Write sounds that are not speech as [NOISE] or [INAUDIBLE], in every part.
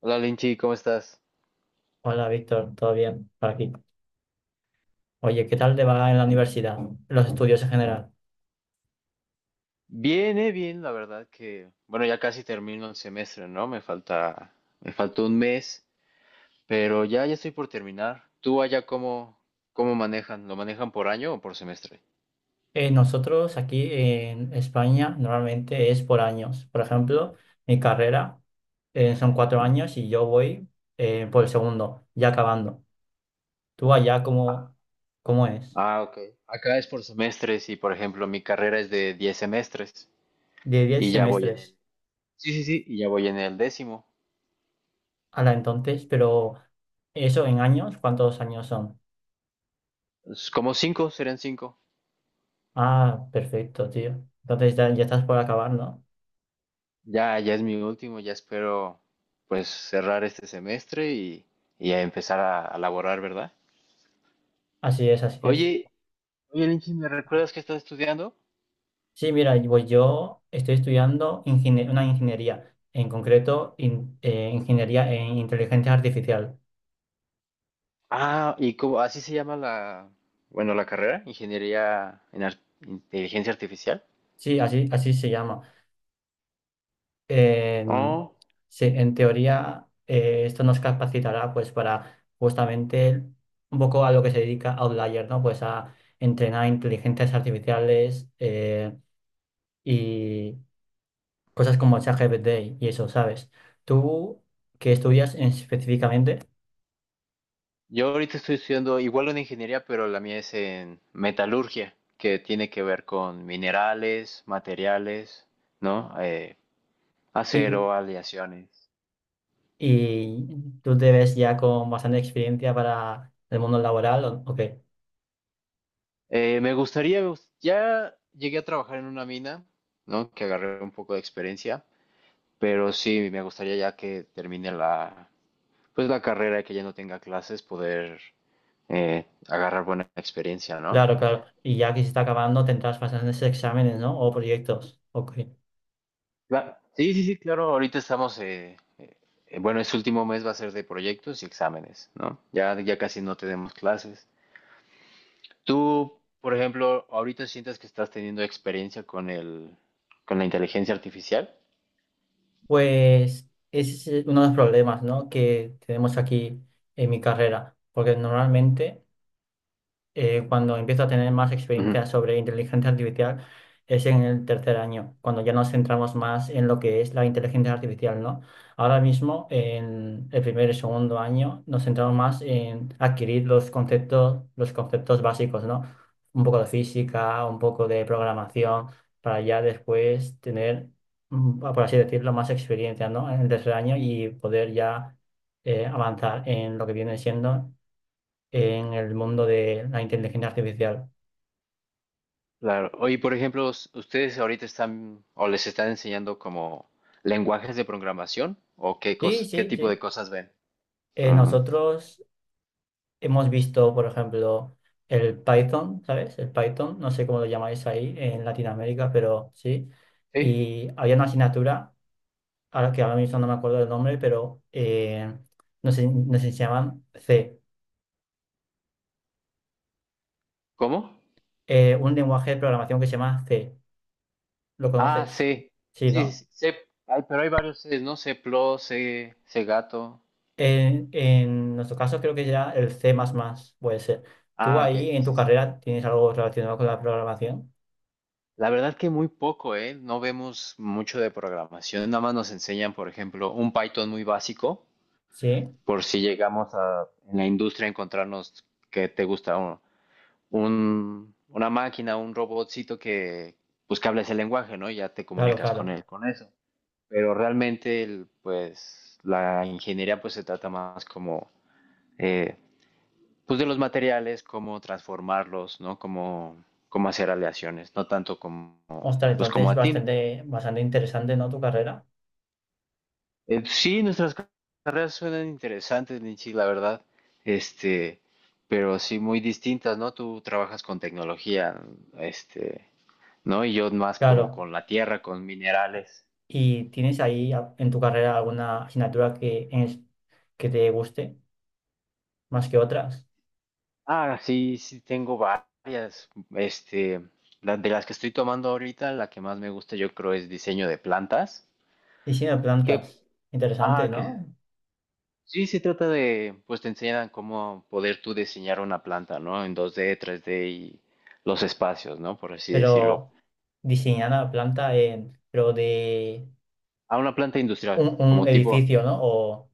Hola Linchi, ¿cómo estás? Hola Víctor, ¿todo bien? Por aquí. Oye, ¿qué tal te va en la universidad? Los estudios en general. Bien, la verdad que, bueno, ya casi termino el semestre, ¿no? Me faltó un mes, pero ya estoy por terminar. ¿Tú allá cómo manejan? ¿Lo manejan por año o por semestre? Nosotros aquí en España normalmente es por años. Por ejemplo, mi carrera son cuatro Mm. años y yo voy por el segundo, ya acabando. Tú allá, Ah, ¿cómo es? ah, ok. Acá es por semestres y, por ejemplo, mi carrera es de 10 semestres De diez y ya voy en semestres. el... Sí, sí, sí, y ya voy en el décimo. La Entonces, pero eso en años, ¿cuántos años son? Es como cinco, serían cinco. Ah, perfecto, tío. Entonces ya estás por acabar, ¿no? Ya es mi último, ya espero pues cerrar este semestre y a empezar a laborar, ¿verdad? Así es, así es. Oye, oye, Linchi, ¿me recuerdas que estás estudiando? Sí, mira, y pues yo estoy estudiando una ingeniería, en concreto ingeniería en inteligencia artificial. Ah, y cómo, así se llama la, bueno, la carrera, Ingeniería en Inteligencia Artificial. Sí, así se llama. En- Oh, sí, en teoría esto nos capacitará pues para justamente un poco a lo que se dedica Outlier, ¿no? Pues a entrenar inteligencias artificiales y cosas como ChatGPT y eso, ¿sabes? ¿Tú qué estudias específicamente? yo ahorita estoy estudiando igual una ingeniería, pero la mía es en metalurgia, que tiene que ver con minerales, materiales, ¿no? Acero, aleaciones. Y tú te ves ya con bastante experiencia para el mundo laboral, ¿o qué? Me gustaría, ya llegué a trabajar en una mina, ¿no? Que agarré un poco de experiencia, pero sí, me gustaría ya que termine la, pues la carrera y que ya no tenga clases, poder agarrar buena experiencia, ¿no? Claro, claro. Y ya que se está acabando, tendrás bastantes exámenes, ¿no? O proyectos. Ok. Sí, sí, sí, claro, ahorita estamos, bueno, este último mes va a ser de proyectos y exámenes, ¿no? Ya, ya casi no tenemos clases. Tú, por ejemplo, ahorita sientes que estás teniendo experiencia con el, con la inteligencia artificial. Pues ese es uno de los problemas, ¿no? Que tenemos aquí en mi carrera. Porque normalmente cuando empiezo a tener más Ujú. experiencia sobre inteligencia artificial es en el tercer año, cuando ya nos centramos más en lo que es la inteligencia artificial, ¿no? Ahora mismo, en el primer y segundo año, nos centramos más en adquirir los conceptos básicos, ¿no? Un poco de física, un poco de programación, para ya después tener, por así decirlo, más experiencia, ¿no? En el tercer año y poder ya avanzar en lo que viene siendo en el mundo de la inteligencia artificial. Claro. Oye, por ejemplo, ¿ustedes ahorita están o les están enseñando como lenguajes de programación o Sí, qué sí, tipo sí. de cosas ven? Ah, Nosotros hemos visto, por ejemplo, el Python, ¿sabes? El Python, no sé cómo lo llamáis ahí en Latinoamérica, pero sí. ¿sí? Y había una asignatura, ahora que ahora mismo no me acuerdo del nombre, pero nos enseñaban C, ¿Cómo? Un lenguaje de programación que se llama C. ¿Lo Ah, conoces? sí. Sí, Sí, ¿no? sí, sí. C. Ay, pero hay varios Cs, ¿no? C++, C, C gato. En nuestro caso creo que ya el C++ puede ser. ¿Tú Ah, ahí ok. en tu Sí, sí. carrera tienes algo relacionado con la programación? La verdad que muy poco, ¿eh? No vemos mucho de programación. Nada más nos enseñan, por ejemplo, un Python muy básico, Sí, por si llegamos a en la industria a encontrarnos que te gusta uno. Una máquina, un robotcito que pues que habla ese lenguaje, ¿no? Y ya te claro, comunicas con claro. él, con eso. Pero realmente, pues, la ingeniería pues se trata más como, eh, pues, de los materiales, cómo transformarlos, ¿no? Cómo hacer aleaciones, no tanto como, Ostras, pues, como entonces a ti, ¿no? bastante, bastante interesante, ¿no? Tu carrera. Sí, nuestras carreras suenan interesantes, Ninchi, la verdad, este, pero sí muy distintas, ¿no? Tú trabajas con tecnología, este, ¿no? Y yo más como Claro. con la tierra, con minerales. ¿Y tienes ahí en tu carrera alguna asignatura que te guste más que otras? Ah, sí, sí, tengo varias. Este, de las que estoy tomando ahorita, la que más me gusta yo creo es diseño de plantas. Diseño de Que, plantas. Interesante, ah, ¿no? sí, se trata de, pues te enseñan cómo poder tú diseñar una planta, ¿no? En 2D, 3D y los espacios, ¿no? Por así decirlo. Pero diseñar la planta en, pero de A una planta industrial, un como tipo, edificio, ¿no? O.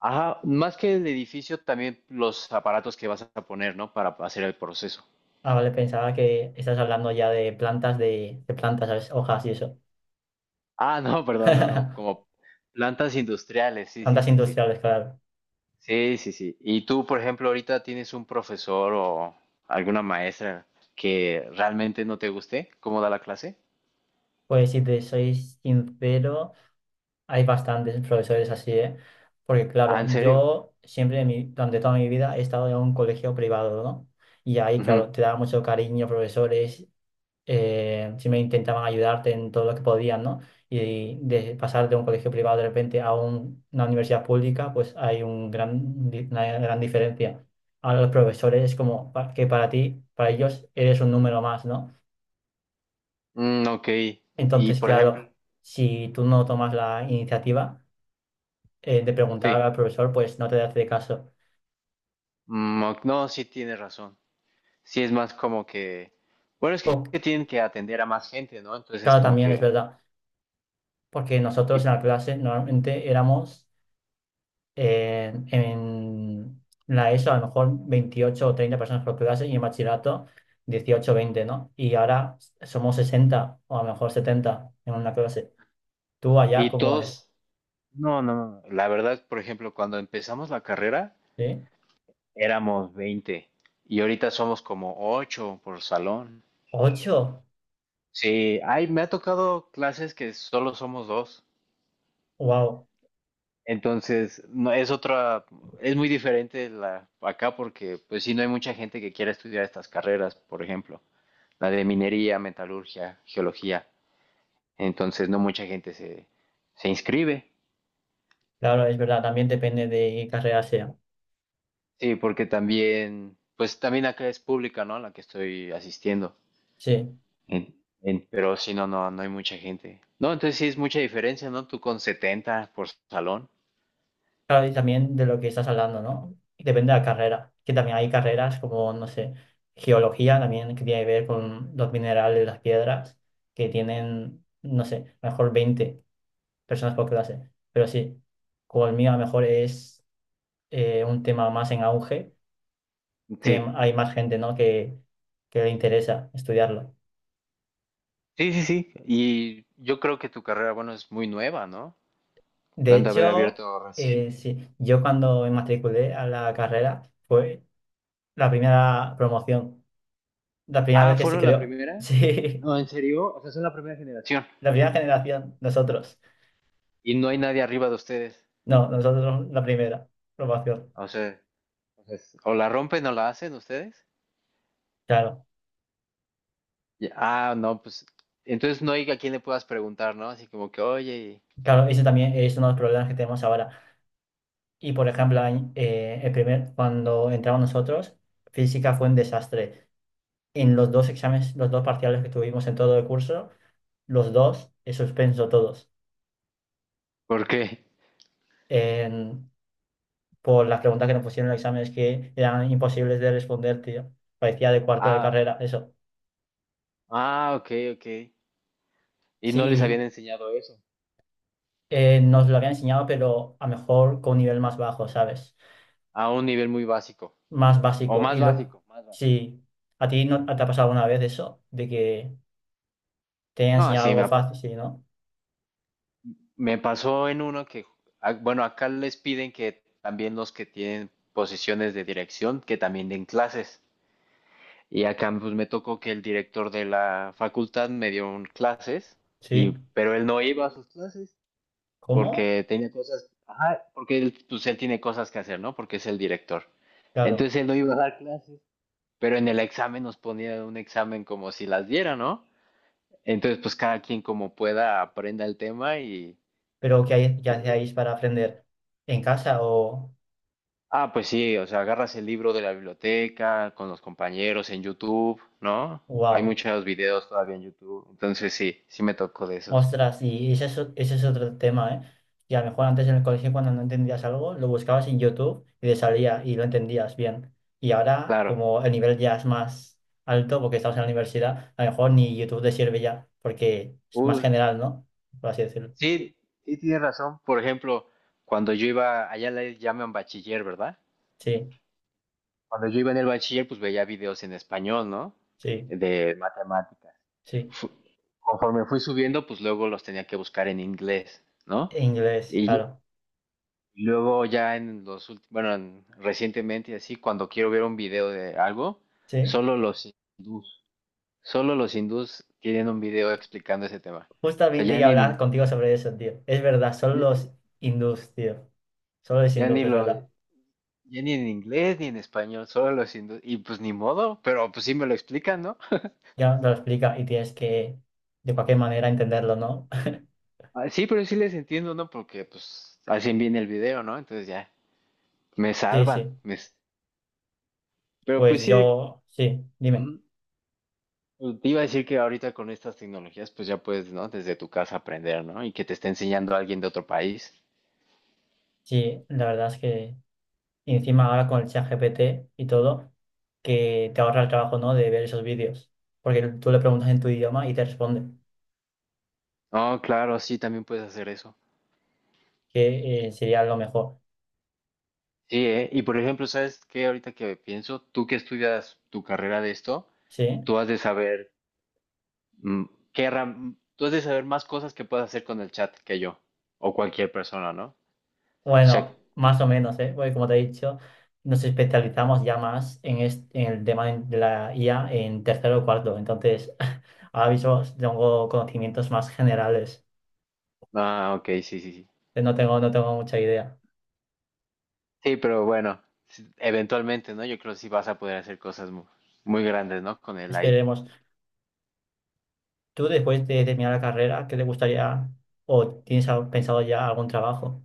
ajá, más que el edificio, también los aparatos que vas a poner, ¿no? Para hacer el proceso. Ah, vale, pensaba que estás hablando ya de plantas, de plantas, ¿sabes? Hojas y eso. Ah, no, [LAUGHS] perdón, no, no, [LAUGHS] como plantas industriales, sí, sí, Plantas sí, sí. industriales, claro. Sí, sí, sí. ¿Y tú, por ejemplo, ahorita tienes un profesor o alguna maestra que realmente no te guste cómo da la clase? Pues si te soy sincero, hay bastantes profesores así, ¿eh? Porque Ah, claro, ¿en serio? yo siempre, durante toda mi vida, he estado en un colegio privado, ¿no? Y ahí, Ujú. claro, te da mucho cariño, profesores, siempre intentaban ayudarte en todo lo que podían, ¿no? Y de pasar de un colegio privado de repente a una universidad pública, pues hay una gran diferencia. A los profesores es como que para ti, para ellos, eres un número más, ¿no? Mm, ok. Y, Entonces, por ejemplo, claro, si tú no tomas la iniciativa de preguntar sí. al profesor, pues no te hace caso. Mm, ok, no, sí tienes razón. Sí es más como que, bueno, es que O- que tienen que atender a más gente, ¿no? Entonces es claro, como también es que, verdad, porque nosotros en y, la clase normalmente éramos en la ESO a lo mejor 28 o 30 personas por clase y en bachillerato 18 o 20, ¿no? Y ahora somos 60 o a lo mejor 70 en una clase. ¿Tú allá y cómo es? todos, no, no, no. La verdad, por ejemplo, cuando empezamos la carrera. ¿Sí? Éramos 20 y ahorita somos como 8 por salón. Ocho. Sí, ay, me ha tocado clases que solo somos dos. Wow. Entonces, no es otra, es muy diferente la acá porque pues sí no hay mucha gente que quiera estudiar estas carreras, por ejemplo, la de minería, metalurgia, geología. Entonces, no mucha gente se inscribe. Claro, es verdad, también depende de qué carrera sea. Sí, porque también pues también acá es pública, ¿no? La que estoy asistiendo. Sí. En- pero si no, no, no hay mucha gente. No, entonces sí es mucha diferencia, ¿no? Tú con 70 por salón. Claro, y también de lo que estás hablando, ¿no? Depende de la carrera, que también hay carreras como, no sé, geología también que tiene que ver con los minerales, las piedras, que tienen, no sé, mejor 20 personas por clase. Pero sí, como el mío a lo mejor es un tema más en auge, Sí, hay más gente, ¿no? que le interesa estudiarlo. sí, sí, sí. Y yo creo que tu carrera, bueno, es muy nueva, ¿no? La De han de haber hecho, abierto reciente. sí, yo cuando me matriculé a la carrera fue la primera promoción, la primera Ah, vez que se ¿fueron la creó, [LAUGHS] primera? sí, No, ¿en serio? O sea, son la primera generación. la primera generación, nosotros. Y no hay nadie arriba de ustedes. No, nosotros la primera promoción, O sea, o sea, o la rompen o la hacen ustedes. claro. Ya, ah, no, pues entonces no hay a quien le puedas preguntar, ¿no? Así como que, oye, Claro, ese también es uno de los problemas que tenemos ahora. Y por ejemplo, cuando entramos nosotros, física fue un desastre. En los dos exámenes, los dos parciales que tuvimos en todo el curso, los dos he suspenso todos. ¿por qué? En- por las preguntas que nos pusieron en los exámenes que eran imposibles de responder, tío. Parecía de cuarto de Ah, carrera, eso. ah, ok, ok. Y no les habían Sí, enseñado eso nos lo había enseñado, pero a lo mejor con un nivel más bajo, ¿sabes? a un nivel muy básico Más o básico. Más básico, más básico. Sí, ¿a ti no te ha pasado alguna vez eso? De que te haya No, enseñado algo fácil, sí, ¿no? me pasó en uno que, ah, bueno, acá les piden que también los que tienen posiciones de dirección, que también den clases. Y acá pues me tocó que el director de la facultad me dio un clases, Sí. pero él no iba a sus clases ¿Cómo? porque tenía cosas, ajá, porque él, pues él tiene cosas que hacer, ¿no? Porque es el director. Claro, Entonces él no iba a dar clases, pero en el examen nos ponían un examen como si las diera, ¿no? Entonces, pues cada quien como pueda aprenda el tema pero ¿qué y- hacíais para aprender? ¿En casa o? ah, pues sí, o sea, agarras el libro de la biblioteca con los compañeros en YouTube, ¿no? Hay ¡Wow! muchos videos todavía en YouTube, entonces sí, sí me tocó de esos. Ostras, y ese es otro tema, ¿eh? Y a lo mejor antes en el colegio cuando no entendías algo, lo buscabas en YouTube y te salía y lo entendías bien. Y ahora, Claro. como el nivel ya es más alto, porque estamos en la universidad, a lo mejor ni YouTube te sirve ya, porque es más Uh, general, ¿no? Por así decirlo. sí, sí tienes razón. Por ejemplo, cuando yo iba, allá le llaman bachiller, ¿verdad? Sí, Cuando yo iba en el bachiller, pues veía videos en español, ¿no? sí, De matemáticas. sí. fu- Conforme fui subiendo, pues luego los tenía que buscar en inglés, ¿no? Inglés, Y claro. luego ya en los últimos, bueno, recientemente y así, cuando quiero ver un video de algo, Sí. solo los hindús, solo los hindús tienen un video explicando ese tema. O sea, Justamente iba a hablar contigo sobre eso, tío. Es verdad, son ya, los hindús, tío. Solo los ya hindús, ni es lo, verdad. ya ni en inglés ni en español, solo los hindús. Y pues ni modo, pero pues sí me lo explican, ¿no? Ya te lo explica y tienes que, de cualquier manera, entenderlo, ¿no? [LAUGHS] Ah, sí, pero sí les entiendo, ¿no? Porque pues hacen bien el video, ¿no? Entonces ya, me Sí, salvan, sí. Pero pues Pues sí, yo, sí, dime. Ujú. Pues, te iba a decir que ahorita con estas tecnologías, pues ya puedes, ¿no? Desde tu casa aprender, ¿no? Y que te esté enseñando alguien de otro país. Sí, la verdad es que y encima ahora con el ChatGPT y todo, que te ahorra el trabajo, ¿no? De ver esos vídeos. Porque tú le preguntas en tu idioma y te responde, No, claro, sí, también puedes hacer eso. que sería lo mejor. Sí, ¿eh? Y por ejemplo, ¿sabes qué? Ahorita que pienso, tú que estudias tu carrera de esto, Sí. tú has de saber mm, más cosas que puedes hacer con el chat que yo, o cualquier persona, ¿no? O sea, Bueno, más o menos, ¿eh? Porque como te he dicho, nos especializamos ya más en el tema de la IA en tercero o cuarto. Entonces, [LAUGHS] ahora mismo tengo conocimientos más generales. ah, ok, sí, sí, sí. No tengo mucha idea. Sí, pero bueno, sí, eventualmente, ¿no? Yo creo que sí vas a poder hacer cosas muy, grandes, ¿no? Con el AI. Esperemos. ¿Tú después de terminar la carrera, qué te gustaría o tienes pensado ya algún trabajo?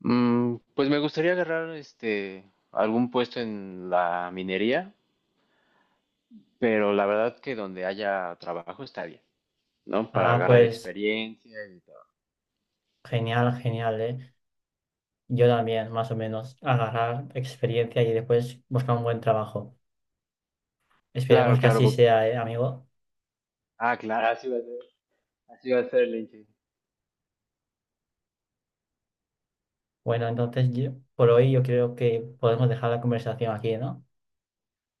Mm, pues me gustaría agarrar algún puesto en la minería, pero la verdad que donde haya trabajo está bien, ¿no? Para Ah, agarrar pues experiencia y todo. genial, genial, ¿eh? Yo también, más o menos, agarrar experiencia y después buscar un buen trabajo. Claro, Esperemos que claro. así sea, ¿eh, amigo? Ah, claro, así va a ser. Así va a ser, Lenche. Bueno, entonces yo, por hoy yo creo que podemos dejar la conversación aquí, ¿no?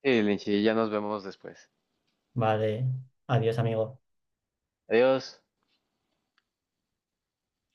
Sí, Lenche, ya nos vemos después. Vale, adiós, amigo. Adiós.